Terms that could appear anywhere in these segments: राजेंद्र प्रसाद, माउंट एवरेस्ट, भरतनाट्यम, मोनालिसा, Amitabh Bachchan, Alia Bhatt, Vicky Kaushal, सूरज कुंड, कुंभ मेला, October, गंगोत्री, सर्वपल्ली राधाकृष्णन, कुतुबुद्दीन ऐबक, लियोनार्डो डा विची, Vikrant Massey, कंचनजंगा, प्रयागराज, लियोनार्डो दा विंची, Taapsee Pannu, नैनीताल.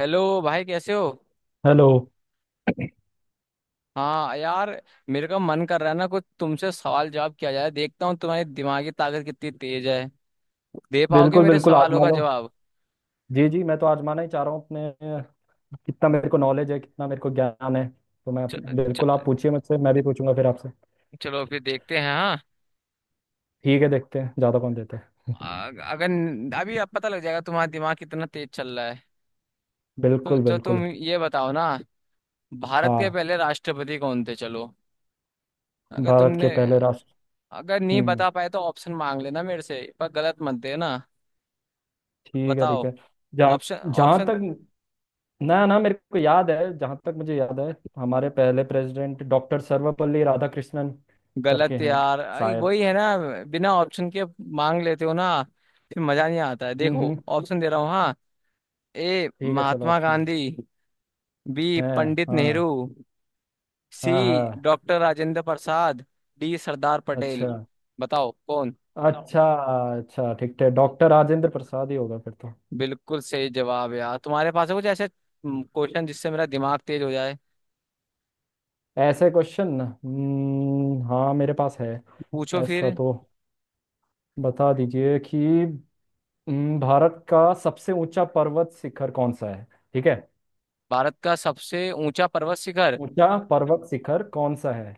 Hello भाई कैसे हो। हेलो। हाँ यार, मेरे का मन कर रहा है ना कुछ तुमसे सवाल जवाब किया जाए, देखता हूँ तुम्हारी दिमागी ताकत कितनी तेज है। दे पाओगे बिल्कुल मेरे बिल्कुल सवालों आजमा का लो। जवाब? जी जी मैं तो आजमाना ही चाह रहा हूँ अपने कितना मेरे को नॉलेज है कितना मेरे को ज्ञान है तो मैं च, च, बिल्कुल आप पूछिए मुझसे, मैं भी पूछूंगा फिर आपसे। चलो फिर देखते हैं। हाँ, ठीक है, देखते हैं ज़्यादा कौन देते हैं। अगर अभी अब पता लग जाएगा तुम्हारा दिमाग कितना तेज चल रहा है। तो बिल्कुल जो तुम बिल्कुल। ये बताओ ना, भारत के हाँ। पहले राष्ट्रपति कौन थे, चलो। अगर भारत तुमने के पहले राष्ट्र। अगर नहीं हम्म। बता पाए तो ऑप्शन मांग लेना मेरे से, पर गलत मत देना। ठीक है ठीक बताओ। है। जहाँ ऑप्शन? जहाँ ऑप्शन? तक ना ना मेरे को याद है, जहाँ तक मुझे याद है हमारे पहले प्रेसिडेंट डॉक्टर सर्वपल्ली राधाकृष्णन करके गलत हैं यार। शायद। वही है ना, बिना ऑप्शन के मांग लेते हो ना, फिर मजा नहीं आता है। हम्म देखो हम्म, ऑप्शन दे रहा हूँ, हाँ। ए ठीक है, चलो महात्मा ऑप्शन गांधी, बी है। पंडित हाँ नेहरू, हाँ। सी हाँ डॉक्टर राजेंद्र प्रसाद, डी सरदार पटेल। अच्छा। बताओ कौन। हाँ अच्छा। अच्छा, ठीक है, डॉक्टर राजेंद्र प्रसाद ही होगा फिर तो। बिल्कुल सही जवाब यार। तुम्हारे पास है कुछ ऐसे क्वेश्चन जिससे मेरा दिमाग तेज हो जाए? ऐसे क्वेश्चन। हाँ मेरे पास है। पूछो ऐसा फिर। तो बता दीजिए कि भारत का सबसे ऊंचा पर्वत शिखर कौन सा है। ठीक है। भारत का सबसे ऊंचा पर्वत शिखर? ऊंचा पर्वत शिखर कौन सा है।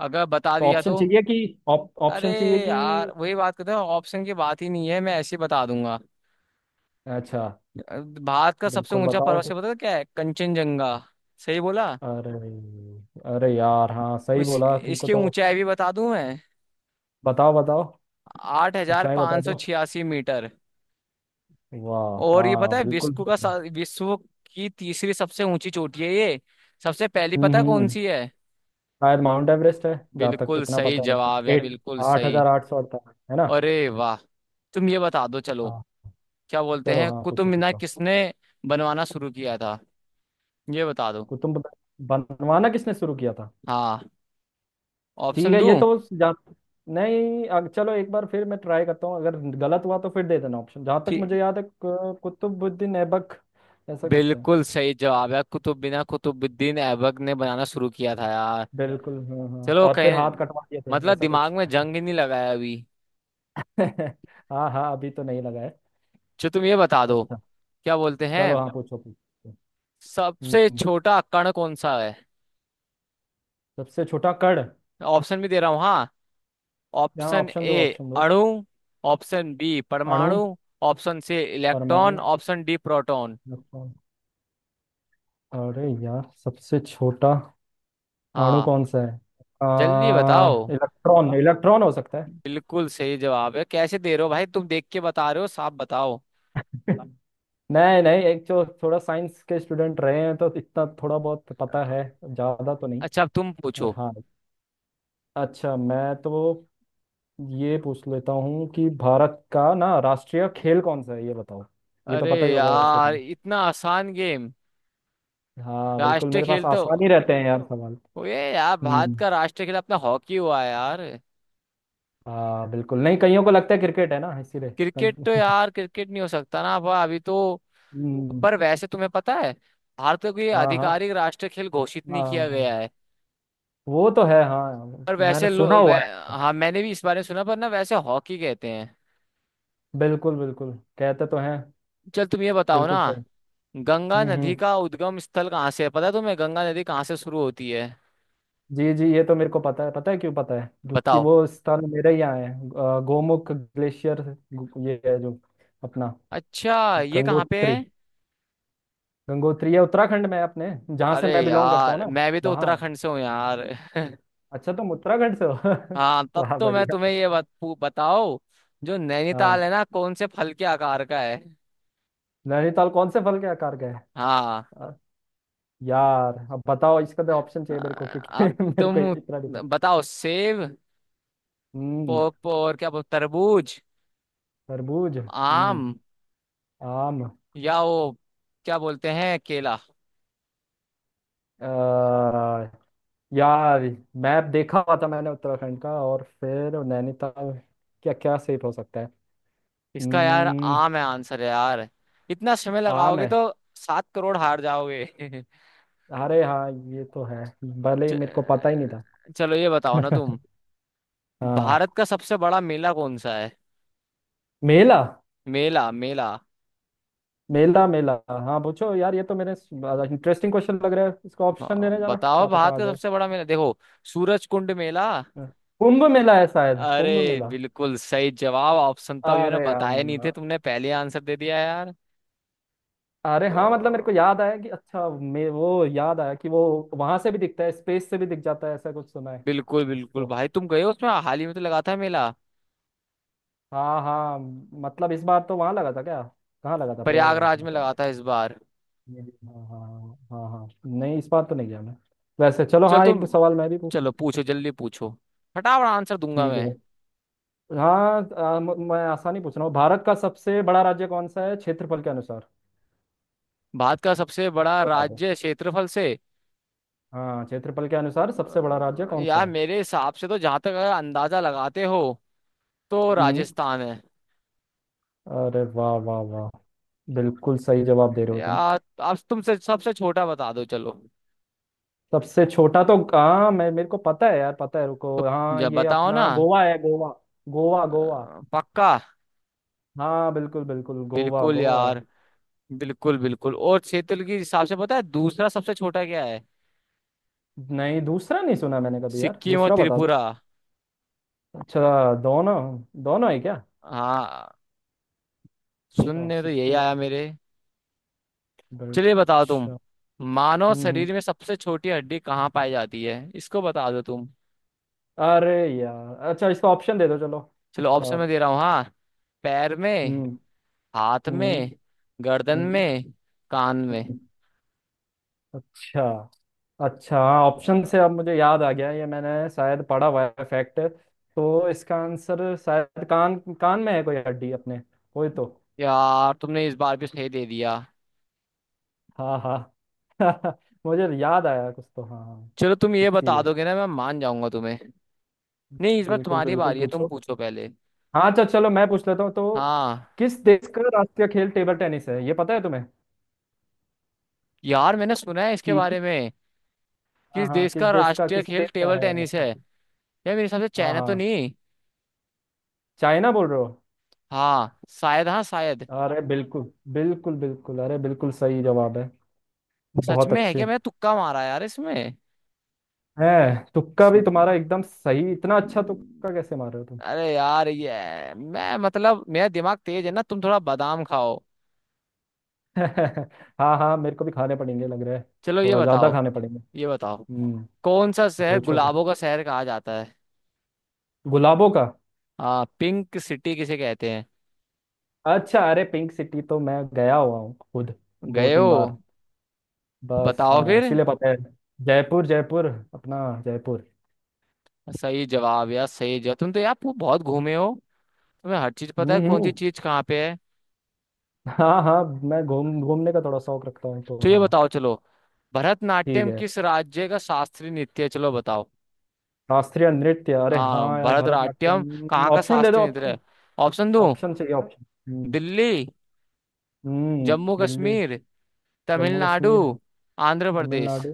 अगर बता तो दिया ऑप्शन तो? चाहिए कि ऑप- अरे ऑप्शन चाहिए कि यार, वही बात करते हो ऑप्शन की, बात ही नहीं है, मैं ऐसे ही बता दूंगा। अच्छा भारत का सबसे बिल्कुल ऊंचा बताओ पर्वत, से तो। पता है क्या है? कंचनजंगा। सही बोला। अरे, अरे यार हाँ सही बोला तुमको इसकी तो। ऊंचाई भी बता दूं मैं? बताओ बताओ। आठ हजार ऊंचाई बता पांच सौ दो। छियासी मीटर वाह, और ये हाँ पता है, बिल्कुल। विश्व की तीसरी सबसे ऊंची चोटी है ये। सबसे पहली हम्म पता है हम्म, कौन हम्म। सी है? शायद माउंट एवरेस्ट है, जहाँ तक बिल्कुल इतना सही पता है मेरे को, जवाब है, एट बिल्कुल आठ सही। हजार आठ सौ अड़तालीस है ना। अरे वाह। तुम ये बता दो चलो, हाँ, क्या बोलते चलो, हैं, हाँ कुतुब पूछो मीनार पूछो। किसने बनवाना शुरू किया था, ये बता दो। को तुम बता- बनवाना किसने शुरू किया था। हाँ, ठीक ऑप्शन है, ये दूं? तो जा नहीं, चलो एक बार फिर मैं ट्राई करता हूँ, अगर गलत हुआ तो फिर दे देना ऑप्शन। जहाँ तक मुझे याद है कुतुबुद्दीन ऐबक, ऐसा कुछ है। बिल्कुल सही जवाब है, कुतुबुद्दीन कुतुबुद्दीन ऐबक ने बनाना शुरू किया था यार। बिल्कुल, हाँ हाँ, चलो और फिर कहीं, हाथ कटवा दिए थे मतलब ऐसा दिमाग कुछ। में जंग ही नहीं लगाया अभी। हाँ हाँ, अभी तो नहीं लगा है। जो तुम ये बता दो, अच्छा, क्या बोलते हैं, चलो, हाँ पूछो पूछो। सबसे हम्म, छोटा कण कौन सा है? सबसे छोटा कण, ऑप्शन भी दे रहा हूँ, हाँ। यहाँ ऑप्शन ऑप्शन दो, ए ऑप्शन दो। अणु, ऑप्शन बी अणु। परमाणु, ऑप्शन सी परमाणु। Electron, option D proton. Electron. अरे यार सबसे छोटा अणु हाँ, कौन सा है। आ, जल्दी बताओ। इलेक्ट्रॉन, इलेक्ट्रॉन हो सकता है। बिल्कुल सही जवाब है। कैसे दे रहे हो भाई, तुम देख के बता रहे हो? साफ बताओ। नहीं नहीं, एक जो थोड़ा साइंस के स्टूडेंट रहे हैं तो इतना थोड़ा बहुत पता है, ज्यादा तो नहीं। अच्छा, अब तुम और पूछो। हाँ, अच्छा, मैं तो ये पूछ लेता हूँ कि भारत का ना राष्ट्रीय खेल कौन सा है, ये बताओ। ये तो अरे पता ही होगा वैसे यार, तुम्हें। इतना आसान गेम? हाँ बिल्कुल, राष्ट्रीय मेरे पास खेल तो आसान ही रहते हैं यार सवाल। वो ये यार, भारत हम्म, का राष्ट्रीय खेल अपना हॉकी हुआ है यार। हाँ बिल्कुल, नहीं कईयों को लगता है क्रिकेट है ना, इसीलिए। क्रिकेट तो यार, क्रिकेट नहीं हो सकता ना अब, अभी तो। हम्म, पर वैसे तुम्हें पता है, भारत को ये हाँ हाँ। आधिकारिक राष्ट्रीय खेल घोषित नहीं किया गया हाँ है। वो तो है, हाँ पर वैसे मैंने सुना हुआ है। हाँ मैंने भी इस बारे में सुना, पर ना वैसे हॉकी कहते हैं। बिल्कुल बिल्कुल, कहते तो हैं, चल तुम ये बताओ ना, बिल्कुल सही। गंगा नदी हम्म, का उद्गम स्थल कहाँ से है, पता है तुम्हें, गंगा नदी कहाँ से शुरू होती है? जी जी, ये तो मेरे को पता है, पता है क्यों पता है, क्योंकि बताओ। वो स्थान मेरे ही यहाँ है, गोमुख ग्लेशियर ये है जो अपना, अच्छा, ये कहाँ पे गंगोत्री। है? गंगोत्री है, उत्तराखंड में है अपने, जहाँ से अरे मैं बिलोंग करता हूँ यार, ना। मैं भी तो वहाँ, उत्तराखंड से हूँ यार अच्छा तुम उत्तराखंड से हो। हाँ, तब वाह तो मैं तुम्हें बढ़िया। ये बताओ, जो नैनीताल हाँ, है ना, कौन से फल के आकार का है? नैनीताल कौन से फल के आकार का हाँ। है। यार अब बताओ, इसका तो ऑप्शन आ, चाहिए मेरे को, क्योंकि अब मेरे को तुम इतना नहीं पता। बताओ, सेब, हम्म, पो, पो, और क्या बोल, तरबूज, तरबूज, हम्म, आम, आम। या वो क्या बोलते हैं, केला। आ, यार मैप देखा हुआ था मैंने उत्तराखंड का, और फिर नैनीताल, क्या क्या सेफ हो सकता है। इसका यार हम्म, आम है, आंसर है यार। इतना समय आम लगाओगे है। तो 7 करोड़ हार जाओगे अरे हाँ, ये तो है, भले ही मेरे को पता ही च- नहीं चलो ये बताओ ना था। तुम, हाँ, भारत का सबसे बड़ा मेला कौन सा है? मेला। मेला मेला। मेला मेला, हाँ पूछो यार, ये तो मेरे इंटरेस्टिंग क्वेश्चन लग रहा है, इसका ऑप्शन हाँ, देने जा रहा, बताओ, क्या पता भारत आ का जाए। सबसे बड़ा मेला, देखो सूरज कुंड मेला। हाँ। कुंभ मेला है शायद, कुंभ अरे मेला। बिल्कुल सही जवाब। ऑप्शन तो अभी मैंने अरे बताए नहीं थे, हाँ, तुमने पहले आंसर दे दिया यार। अरे हाँ, मतलब मेरे को वाह, याद आया कि अच्छा, मैं वो, याद आया कि वो वहां से भी दिखता है, स्पेस से भी दिख जाता है, ऐसा कुछ सुना है। बिल्कुल बिल्कुल। उसको। भाई तुम गए हो उसमें, हाल ही में तो लगा था मेला। हाँ हाँ, मतलब इस बार तो वहां लगा था क्या। कहाँ लगा था, प्रयागराज प्रयागराज में में लगा शायद। था इस बार। हाँ हाँ हाँ हाँ, नहीं, इस बार तो नहीं गया मैं। वैसे चलो, चल हाँ, तुम, एक सवाल मैं भी पूछूं। चलो पूछो, जल्दी पूछो, फटाफट आंसर दूंगा ठीक मैं। है, हाँ मैं आसानी पूछ रहा हूँ, भारत का सबसे बड़ा राज्य कौन सा है, क्षेत्रफल के अनुसार। भारत का सबसे बड़ा बता दो। राज्य, क्षेत्रफल से? हाँ, क्षेत्रफल के अनुसार सबसे बड़ा राज्य कौन सा यार है। मेरे हिसाब से तो, जहां तक अगर अंदाजा लगाते हो, तो हम्म, राजस्थान है। अरे वाह वाह वाह, बिल्कुल सही जवाब दे रहे हो तुम। यार अब तुमसे, सबसे छोटा बता दो चलो। सबसे छोटा तो हाँ, मैं, मेरे को पता है यार, पता है, रुको, तो हाँ, जब ये बताओ ना, अपना गोवा है, गोवा। गोवा गोवा। पक्का? हाँ बिल्कुल बिल्कुल, गोवा, बिल्कुल गोवा है। यार, बिल्कुल बिल्कुल। और क्षेत्र के हिसाब से पता है दूसरा सबसे छोटा क्या है? नहीं दूसरा नहीं सुना मैंने कभी यार, सिक्किम और दूसरा बता दो। त्रिपुरा। अच्छा दोनों, दोनों है क्या। हाँ, अच्छा सुनने में तो यही सिक्किम और आया मेरे। बेल्ट, चलिए बताओ तुम। अच्छा। मानव हम्म हम्म। शरीर में सबसे छोटी हड्डी कहाँ पाई जाती है, इसको बता दो तुम। अरे यार, अच्छा, इसका ऑप्शन दे दो चलो, चलो ऑप्शन में और दे रहा हूँ, हाँ। पैर में, हम्म हाथ हम्म में, गर्दन हम्म में, कान में। हम्म। अच्छा अच्छा, हाँ ऑप्शन हाँ, से अब मुझे याद आ गया, ये मैंने शायद पढ़ा हुआ है फैक्ट। तो इसका आंसर शायद कान, कान में है कोई हड्डी अपने, कोई तो। यार तुमने इस बार भी सही दे दिया। हाँ हाँ, मुझे याद आया कुछ तो, हाँ हाँ, चलो तुम ये बता इसीलिए। दोगे ना, मैं मान जाऊंगा तुम्हें। नहीं, इस बार बिल्कुल तुम्हारी बिल्कुल, बारी है, तुम पूछो। पूछो पहले। हाँ, अच्छा, चलो मैं पूछ लेता हूँ, तो हाँ, किस देश का राष्ट्रीय खेल टेबल टेनिस है, ये पता है तुम्हें यार मैंने सुना है इसके कि। बारे में कि हाँ इस हाँ, देश किस का देश का, राष्ट्रीय किसी खेल देश का टेबल है टेनिस है राष्ट्रीय यार। खेल? मेरे हिसाब से हाँ चाइना तो हाँ, नहीं? चाइना बोल रहे हो। हाँ शायद, हाँ शायद। अरे बिल्कुल, बिल्कुल बिल्कुल, अरे बिल्कुल सही जवाब है। सच बहुत में है अच्छे क्या? मैंने तुक्का मारा यार इसमें। है, तुक्का भी तुम्हारा एकदम सही, इतना अच्छा तुक्का कैसे मार रहे हो तुम। अरे यार ये मैं, मतलब मेरा दिमाग तेज है ना, तुम थोड़ा बादाम खाओ। हाँ हाँ, मेरे को भी खाने पड़ेंगे लग रहा है। चलो ये थोड़ा ज्यादा बताओ, खाने पड़ेंगे। ये बताओ, हम्म, कौन सा शहर पूछो पूछो। गुलाबों का शहर कहा जाता है? गुलाबों का, हाँ, पिंक सिटी किसे कहते हैं? अच्छा, अरे पिंक सिटी तो मैं गया हुआ हूँ खुद, दो गए तीन हो? बार, बस बताओ हाँ फिर। इसीलिए पता है। जयपुर जयपुर, अपना, जयपुर। सही जवाब यार, सही जवाब। तुम तो यार पू- बहुत घूमे हो तुम्हें, हर चीज पता हम्म है कौन सी हम्म, चीज कहाँ पे है। हाँ हाँ, मैं घूम, घूमने का थोड़ा शौक रखता हूँ, तो तो ये हाँ। बताओ चलो, ठीक भरतनाट्यम है, किस राज्य का शास्त्रीय नृत्य है, चलो बताओ। शास्त्रीय नृत्य, अरे हाँ, हाँ यार, भरतनाट्यम भरतनाट्यम कहाँ का ऑप्शन दे दो, शास्त्रीय नृत्य ऑप्शन। है? ऑप्शन दो? ऑप्शन चाहिए ऑप्शन। हम्म दिल्ली, हम्म। जम्मू दिल्ली। कश्मीर, जम्मू तमिलनाडु, कश्मीर। आंध्र प्रदेश। तमिलनाडु।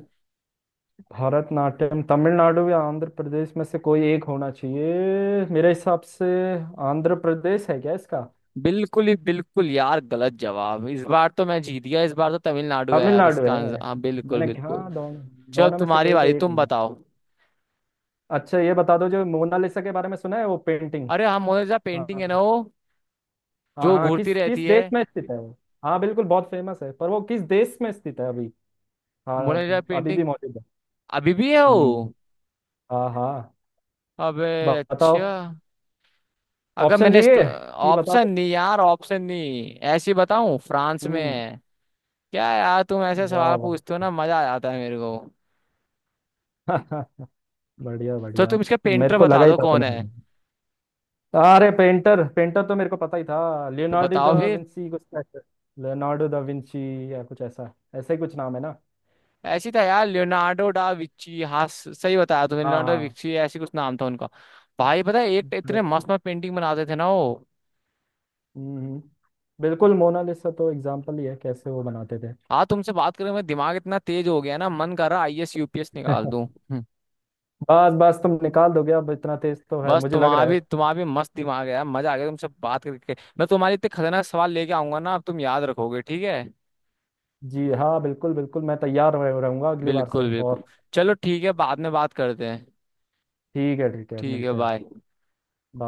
भारतनाट्यम तमिलनाडु या आंध्र प्रदेश में से कोई एक होना चाहिए मेरे हिसाब से। आंध्र प्रदेश है क्या इसका। बिल्कुल ही बिल्कुल यार, गलत जवाब। इस बार तो मैं जीत गया, इस बार तो तमिलनाडु है यार तमिलनाडु इसका है। आंसर, हाँ बिल्कुल मैंने, बिल्कुल। हाँ, दोनों चलो दोनों में से तुम्हारी कोई तो बारी, एक तुम होगा। बताओ। अच्छा, ये बता दो जो मोनालिसा के बारे में सुना है वो पेंटिंग। अरे हम, मोनालिसा पेंटिंग हाँ है ना वो, हाँ जो हाँ, घूरती किस, रहती किस है। देश में स्थित है वो। हाँ बिल्कुल, बहुत फेमस है, पर वो किस देश में स्थित है अभी। हाँ, मोनालिसा अभी पेंटिंग भी मौजूद है। अभी भी है वो। हम्म, हाँ हाँ, अबे ब- अच्छा, बताओ अगर ऑप्शन मैंने चाहिए कि, बता ऑप्शन दो। नहीं, यार ऑप्शन नहीं ऐसी बताऊं, फ्रांस में हम्म, है। क्या यार तुम ऐसे सवाल वाह पूछते हो ना, मजा आ जाता है मेरे को। वाह। बढ़िया तो बढ़िया। तुम इसका मेरे पेंटर को बता लगा ही दो, था कौन तुम्हें। है? अरे पेंटर, पेंटर तो मेरे को पता ही था, तो लियोनार्डो बताओ दा फिर। विंची कुछ। लियोनार्डो दा विंची या कुछ ऐसा, ऐसा ही कुछ नाम है ना। ऐसी था यार लियोनार्डो डा विची, हाँ सही बताया तुमने, हाँ लियोनार्डो हाँ, विची ऐसी कुछ नाम था उनका। भाई पता है, एक इतने बिल्कुल। मस्त मस्त पेंटिंग बनाते थे ना वो। हम्म, बिल्कुल मोनालिसा तो एग्जाम्पल ही है, कैसे वो बनाते थे। हाँ तुमसे बात करें, मैं दिमाग इतना तेज हो गया ना, मन कर रहा आईएएस यूपीएस निकाल दूं। बस बस, तुम निकाल दोगे अब, इतना तेज तो है बस मुझे लग तुम्हारा रहा है। भी, तुम्हारा भी मस्त दिमाग है यार, मजा आ गया तुमसे बात करके। मैं तुम्हारे इतने खतरनाक सवाल लेके आऊंगा ना, अब तुम याद रखोगे, ठीक है? जी हाँ, बिल्कुल बिल्कुल, मैं तैयार रहूंगा अगली बार बिल्कुल से, बिल्कुल। और चलो ठीक है, बाद में बात करते हैं। ठीक है ठीक है, ठीक है मिलते हैं। बाय।